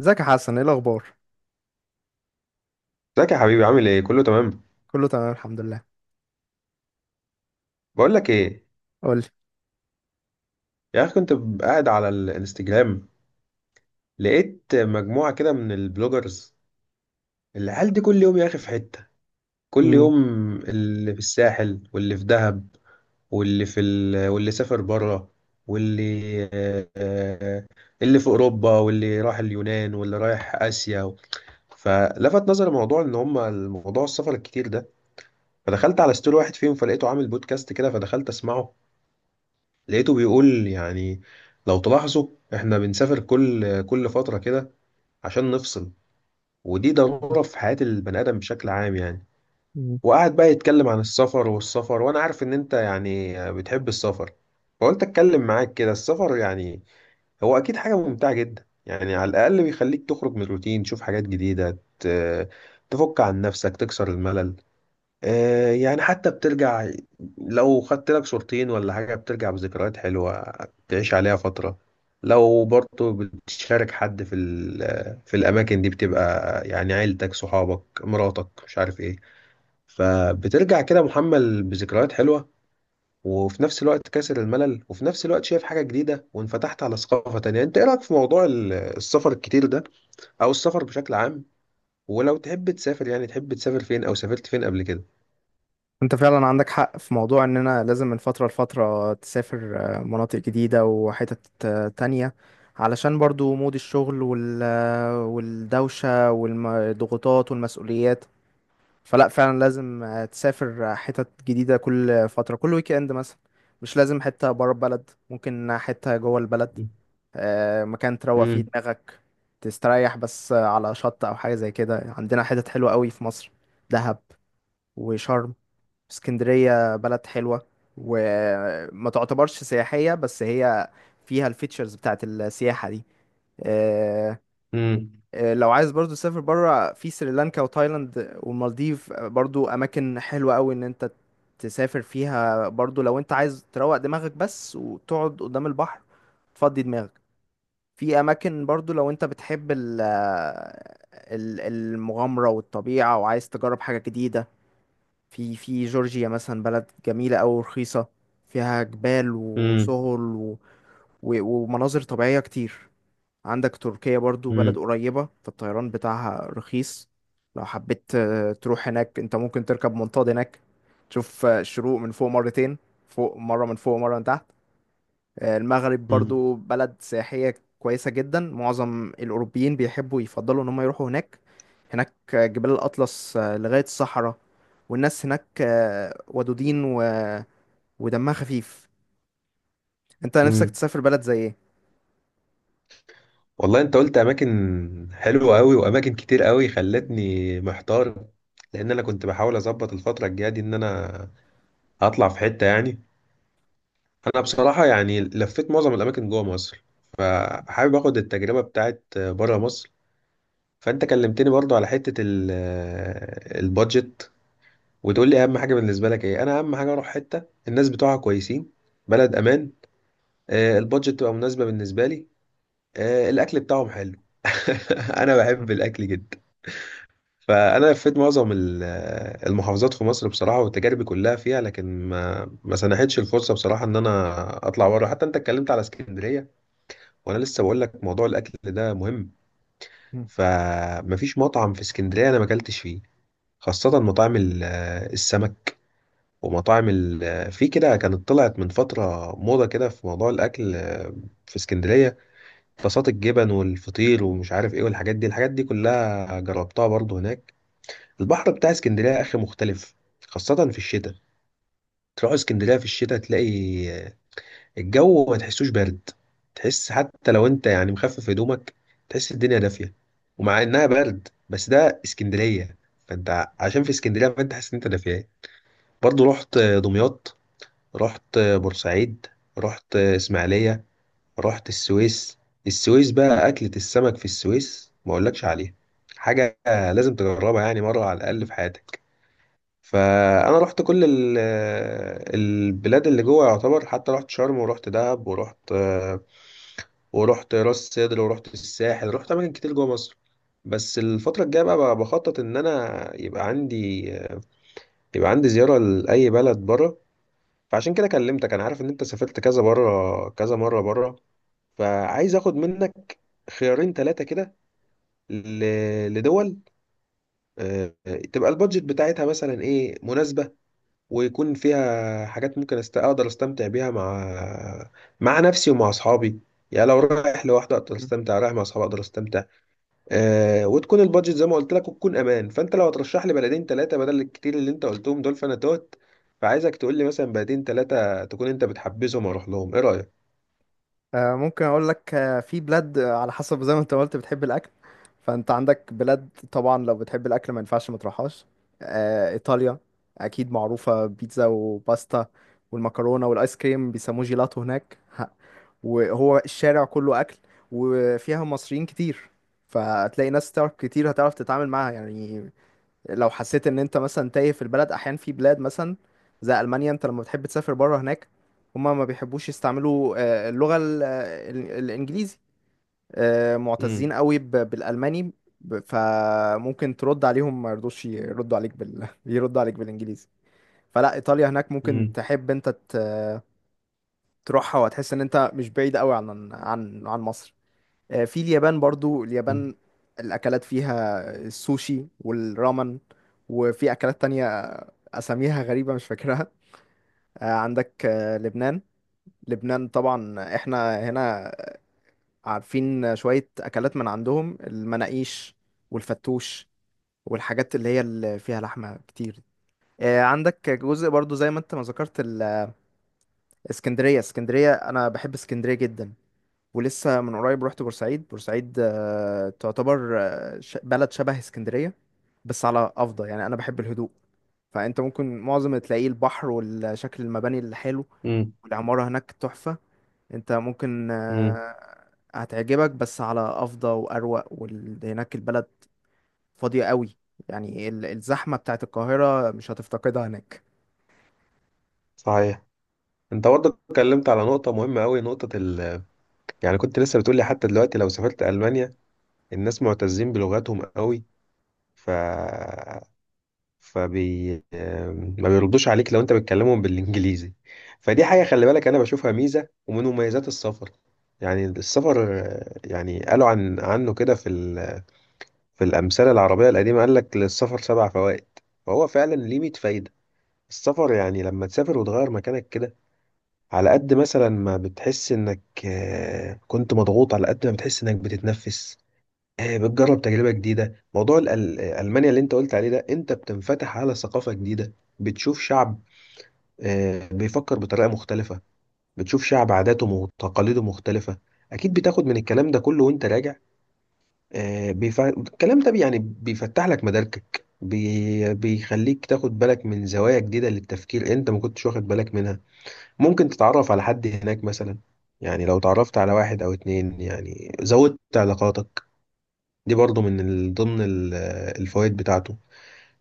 ازيك يا حسن، ايه الاخبار؟ ازيك يا حبيبي، عامل ايه؟ كله تمام؟ كله تمام الحمد لله. بقول لك ايه. قول لي. يا اخي كنت قاعد على الانستجرام، لقيت مجموعه كده من البلوجرز. العيال دي كل يوم يا اخي في حته، كل مم. يوم. اللي في الساحل، واللي في دهب، واللي سافر بره، واللي آه، اللي في اوروبا، واللي راح اليونان، واللي رايح اسيا. فلفت نظري موضوع ان هم الموضوع السفر الكتير ده. فدخلت على ستوري واحد فيهم، فلقيته عامل بودكاست كده، فدخلت اسمعه. لقيته بيقول يعني لو تلاحظوا احنا بنسافر كل فترة كده عشان نفصل، ودي ضرورة في حياة البني آدم بشكل عام يعني. مم. وقعد بقى يتكلم عن السفر والسفر، وانا عارف ان انت يعني بتحب السفر، فقلت اتكلم معاك كده. السفر يعني هو اكيد حاجة ممتعة جدا يعني، على الاقل بيخليك تخرج من الروتين، تشوف حاجات جديدة، تفك عن نفسك، تكسر الملل. يعني حتى بترجع، لو خدت لك صورتين ولا حاجة بترجع بذكريات حلوة تعيش عليها فترة. لو برضه بتشارك حد في الأماكن دي، بتبقى يعني عيلتك، صحابك، مراتك، مش عارف ايه. فبترجع كده محمل بذكريات حلوة، وفي نفس الوقت كاسر الملل، وفي نفس الوقت شايف حاجة جديدة وانفتحت على ثقافة تانية. انت ايه رأيك في موضوع السفر الكتير ده، او السفر بشكل عام؟ ولو تحب تسافر، يعني تحب تسافر فين، او سافرت فين قبل كده؟ انت فعلا عندك حق في موضوع اننا لازم من فتره لفتره تسافر مناطق جديده وحتت تانية. علشان برضو مود الشغل وال آه، والدوشه والضغوطات والمسؤوليات. فلا فعلا لازم تسافر حتت جديده كل فتره، كل ويك اند مثلا. مش لازم حته بره البلد، ممكن حته جوه البلد. مكان تروق فيه مم. دماغك. تستريح بس على شط او حاجه زي كده. عندنا حتت حلوه قوي في مصر: دهب، وشرم، اسكندريه بلد حلوه، وما تعتبرش سياحيه بس هي فيها الفيتشرز بتاعت السياحه دي. آه، مم. لو عايز برضو تسافر بره، في سريلانكا وتايلاند والمالديف، برضو اماكن حلوه قوي ان انت تسافر فيها. برضو لو انت عايز تروق دماغك بس وتقعد قدام البحر تفضي دماغك. في اماكن برضو، لو انت بتحب المغامرة والطبيعة وعايز تجرب حاجة جديدة. في جورجيا مثلا، بلد جميلة أوي ورخيصة. فيها جبال مم. وسهول ومناظر طبيعية كتير. عندك تركيا برضو، بلد مم. قريبة، فالطيران بتاعها رخيص. لو حبيت تروح هناك، انت ممكن تركب منطاد هناك. تشوف الشروق من فوق مرتين، فوق مرة من فوق ومرة من تحت. المغرب مم. برضو بلد سياحية كويسة جدا. معظم الأوروبيين بيحبوا يفضلوا إن هم يروحوا هناك. هناك جبال الأطلس لغاية الصحراء. والناس هناك ودودين ودمها خفيف. أنت نفسك مم. تسافر بلد زي والله انت قلت اماكن حلوه قوي واماكن كتير قوي، خلتني محتار. لان انا كنت بحاول اظبط الفتره الجايه دي ان انا هطلع في حته يعني. انا بصراحه يعني لفيت معظم الاماكن جوه مصر، فحابب اخد التجربه بتاعت بره مصر. فانت كلمتني برضو على حته البادجت، وتقول لي اهم حاجه بالنسبه لك ايه. انا اهم حاجه اروح حته الناس بتوعها كويسين، بلد امان، البادجت تبقى مناسبه بالنسبه لي، الاكل بتاعهم حلو. انا إيه؟ بحب الاكل جدا. فانا لفيت معظم المحافظات في مصر بصراحه، وتجاربي كلها فيها، لكن ما سنحتش الفرصه بصراحه ان انا اطلع بره. حتى انت اتكلمت على اسكندريه، وانا لسه بقول لك موضوع الاكل ده مهم. فمفيش مطعم في اسكندريه انا ما اكلتش فيه، خاصه مطاعم السمك، ومطاعم في كده كانت طلعت من فتره موضه كده في موضوع الاكل، في اسكندريه. طاسات الجبن والفطير ومش عارف ايه والحاجات دي، الحاجات دي كلها جربتها برضو هناك. البحر بتاع اسكندرية يا اخي مختلف، خاصة في الشتاء. تروح اسكندرية في الشتاء تلاقي الجو ما تحسوش برد، تحس حتى لو انت يعني مخفف هدومك تحس الدنيا دافية. ومع انها برد بس ده اسكندرية، فانت عشان في اسكندرية فانت حاسس ان انت دافية. برضو رحت دمياط، رحت بورسعيد، رحت اسماعيلية، رحت السويس. السويس بقى، أكلة السمك في السويس ما أقولكش عليها، حاجة لازم تجربها يعني مرة على الأقل في حياتك. فأنا رحت كل البلاد اللي جوه يعتبر، حتى رحت شرم ورحت دهب ورحت راس سدر ورحت الساحل، رحت أماكن كتير جوه مصر. بس الفترة الجاية بقى بخطط إن أنا يبقى عندي زيارة لأي بلد بره. فعشان كده كلمتك، أنا عارف إن أنت سافرت كذا بره، كذا مرة بره، فعايز اخد منك خيارين ثلاثة كده، لدول آه، تبقى البادجت بتاعتها مثلا ايه، مناسبة، ويكون فيها حاجات ممكن اقدر استمتع بيها مع نفسي ومع اصحابي. يعني لو رايح لوحدي اقدر استمتع، رايح مع اصحابي اقدر استمتع. آه، وتكون البادجت زي ما قلت لك، وتكون امان. فانت لو هترشح لي بلدين ثلاثة بدل الكتير اللي انت قلتهم دول فانا توت. فعايزك تقول لي مثلا بلدين ثلاثة تكون انت بتحبذهم واروح لهم. ايه رأيك؟ ممكن اقول لك، في بلاد على حسب زي ما انت قلت بتحب الاكل. فانت عندك بلاد طبعا، لو بتحب الاكل ما ينفعش ما تروحهاش. ايطاليا اكيد معروفه بيتزا وباستا، والمكرونه والايس كريم بيسموه جيلاتو هناك. وهو الشارع كله اكل، وفيها مصريين كتير. فهتلاقي ناس تعرف كتير، هتعرف تتعامل معاها يعني. لو حسيت ان انت مثلا تايه في البلد. احيانا في بلاد مثلا زي المانيا، انت لما بتحب تسافر بره هناك، هما ما بيحبوش يستعملوا اللغه الانجليزي. امم. معتزين قوي بالالماني. فممكن ترد عليهم ما يرضوش يردوا عليك يردوا عليك بالانجليزي. فلا ايطاليا هناك ممكن امم. تحب انت تروحها، وهتحس ان انت مش بعيد قوي عن مصر. في اليابان برضو، اليابان الأكلات فيها السوشي والرامن، وفي أكلات تانية أساميها غريبة مش فاكرها. عندك لبنان. لبنان طبعا احنا هنا عارفين شوية أكلات من عندهم: المناقيش والفتوش، والحاجات اللي فيها لحمة كتير. عندك جزء برضو زي ما انت ما ذكرت اسكندرية. اسكندرية، انا بحب اسكندرية جدا. ولسه من قريب رحت بورسعيد. بورسعيد تعتبر بلد شبه اسكندرية، بس على أفضل يعني، أنا بحب الهدوء. فأنت ممكن معظم تلاقيه البحر والشكل المباني اللي حلو، امم. والعمارة هناك تحفة. أنت ممكن امم. هتعجبك، بس على أفضل وأروق، وهناك البلد فاضية قوي. يعني الزحمة بتاعت القاهرة مش هتفتقدها هناك. صحيح. انت برضه اتكلمت على نقطة مهمة قوي، نقطة ال، يعني كنت لسه بتقول لي حتى دلوقتي لو سافرت ألمانيا الناس معتزين بلغتهم قوي، ف فبي ما بيردوش عليك لو انت بتكلمهم بالانجليزي. فدي حاجة خلي بالك، انا بشوفها ميزة ومن مميزات السفر. يعني السفر، يعني قالوا عنه كده في الأمثلة العربية القديمة، قال لك للسفر سبع فوائد، فهو فعلا ليه 100 فايدة. السفر يعني لما تسافر وتغير مكانك كده، على قد مثلا ما بتحس انك كنت مضغوط، على قد ما بتحس انك بتتنفس. بتجرب تجربة جديدة. موضوع ألمانيا اللي انت قلت عليه ده، انت بتنفتح على ثقافة جديدة، بتشوف شعب بيفكر بطريقة مختلفة، بتشوف شعب عاداته وتقاليده مختلفة. اكيد بتاخد من الكلام ده كله وانت راجع. الكلام ده يعني بيفتح لك مداركك، بيخليك تاخد بالك من زوايا جديدة للتفكير انت ما كنتش واخد بالك منها. ممكن تتعرف على حد هناك مثلا، يعني لو تعرفت على واحد او اتنين يعني زودت علاقاتك. دي برضو من ضمن الفوائد بتاعته.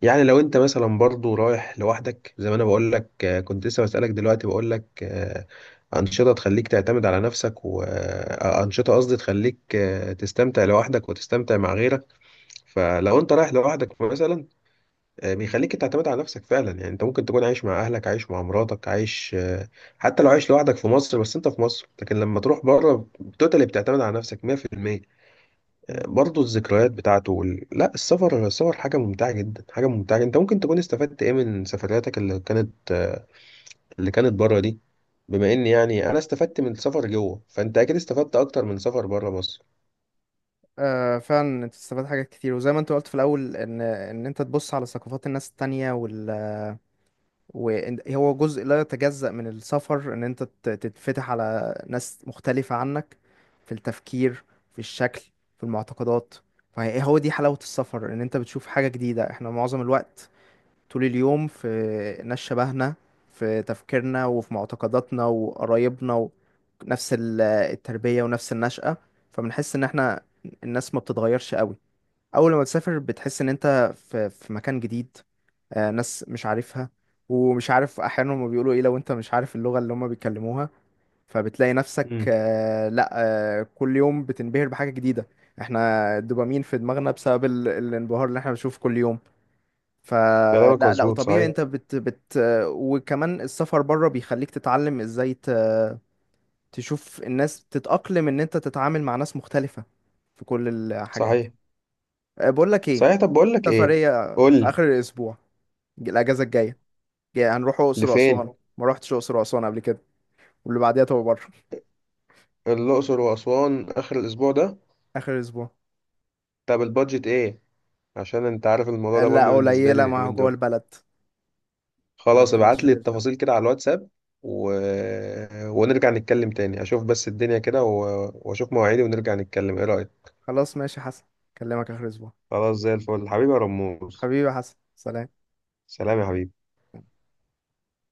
يعني لو انت مثلا برضو رايح لوحدك، زي ما انا بقول لك، كنت لسه بسألك دلوقتي، بقول لك انشطة تخليك تعتمد على نفسك، وانشطة قصدي تخليك تستمتع لوحدك وتستمتع مع غيرك. فلو انت رايح لوحدك مثلا، بيخليك تعتمد على نفسك فعلا. يعني انت ممكن تكون عايش مع اهلك، عايش مع مراتك، عايش حتى لو عايش لوحدك في مصر، بس انت في مصر. لكن لما تروح بره، توتالي بتعتمد على نفسك 100%. مم. برضه الذكريات بتاعته لا، السفر، السفر حاجة ممتعة جدا، حاجة ممتعة جدا. انت ممكن تكون استفدت ايه من سفرياتك اللي كانت، اللي كانت بره دي؟ بما ان يعني انا استفدت من السفر جوه، فانت اكيد استفدت اكتر من سفر بره مصر. آه فعلا، انت تستفاد حاجات كتير وزي ما انت قلت في الاول ان انت تبص على ثقافات الناس التانية، وهو جزء لا يتجزأ من السفر، ان انت تتفتح على ناس مختلفة عنك، في التفكير، في الشكل، في المعتقدات. فهو دي حلاوة السفر ان انت بتشوف حاجة جديدة. احنا معظم الوقت طول اليوم في ناس شبهنا، في تفكيرنا وفي معتقداتنا وقرايبنا، ونفس التربية ونفس النشأة. فبنحس ان احنا، الناس ما بتتغيرش قوي. اول لما تسافر بتحس ان انت في مكان جديد، ناس مش عارفها، ومش عارف احيانا هما بيقولوا ايه لو انت مش عارف اللغة اللي هما بيتكلموها. فبتلاقي نفسك، امم. لا، كل يوم بتنبهر بحاجة جديدة. احنا الدوبامين في دماغنا بسبب الانبهار اللي احنا بنشوفه كل يوم. كلامك فلا لا، مظبوط، وطبيعي صحيح. انت بت بت آه، وكمان السفر بره بيخليك تتعلم ازاي تشوف الناس تتأقلم، ان انت تتعامل مع ناس مختلفة في كل الحاجات. صحيح. أه، بقول لك ايه، صحيح. طب بقول في لك ايه. سفرية قول في لي. اخر الاسبوع، الاجازة الجاية. جاي هنروح اقصر لفين؟ واسوان، ما رحتش اقصر واسوان قبل كده. واللي بعديها تبقى بره. الأقصر وأسوان آخر الأسبوع ده؟ اخر الاسبوع. طب البادجت إيه؟ عشان أنت عارف الموضوع أه، ده مهم لا بالنسبة لي قليلة، ما هو اليومين جوه دول. البلد. خلاص ما ابعت لي تشغلش هم. التفاصيل كده على الواتساب. و... ونرجع نتكلم تاني. أشوف بس الدنيا كده وأشوف مواعيدي ونرجع نتكلم. إيه رأيك؟ خلاص ماشي يا حسن، اكلمك اخر الاسبوع. خلاص، زي الفل حبيبي يا رموز. حبيبي يا حسن، سلام. سلام يا حبيبي.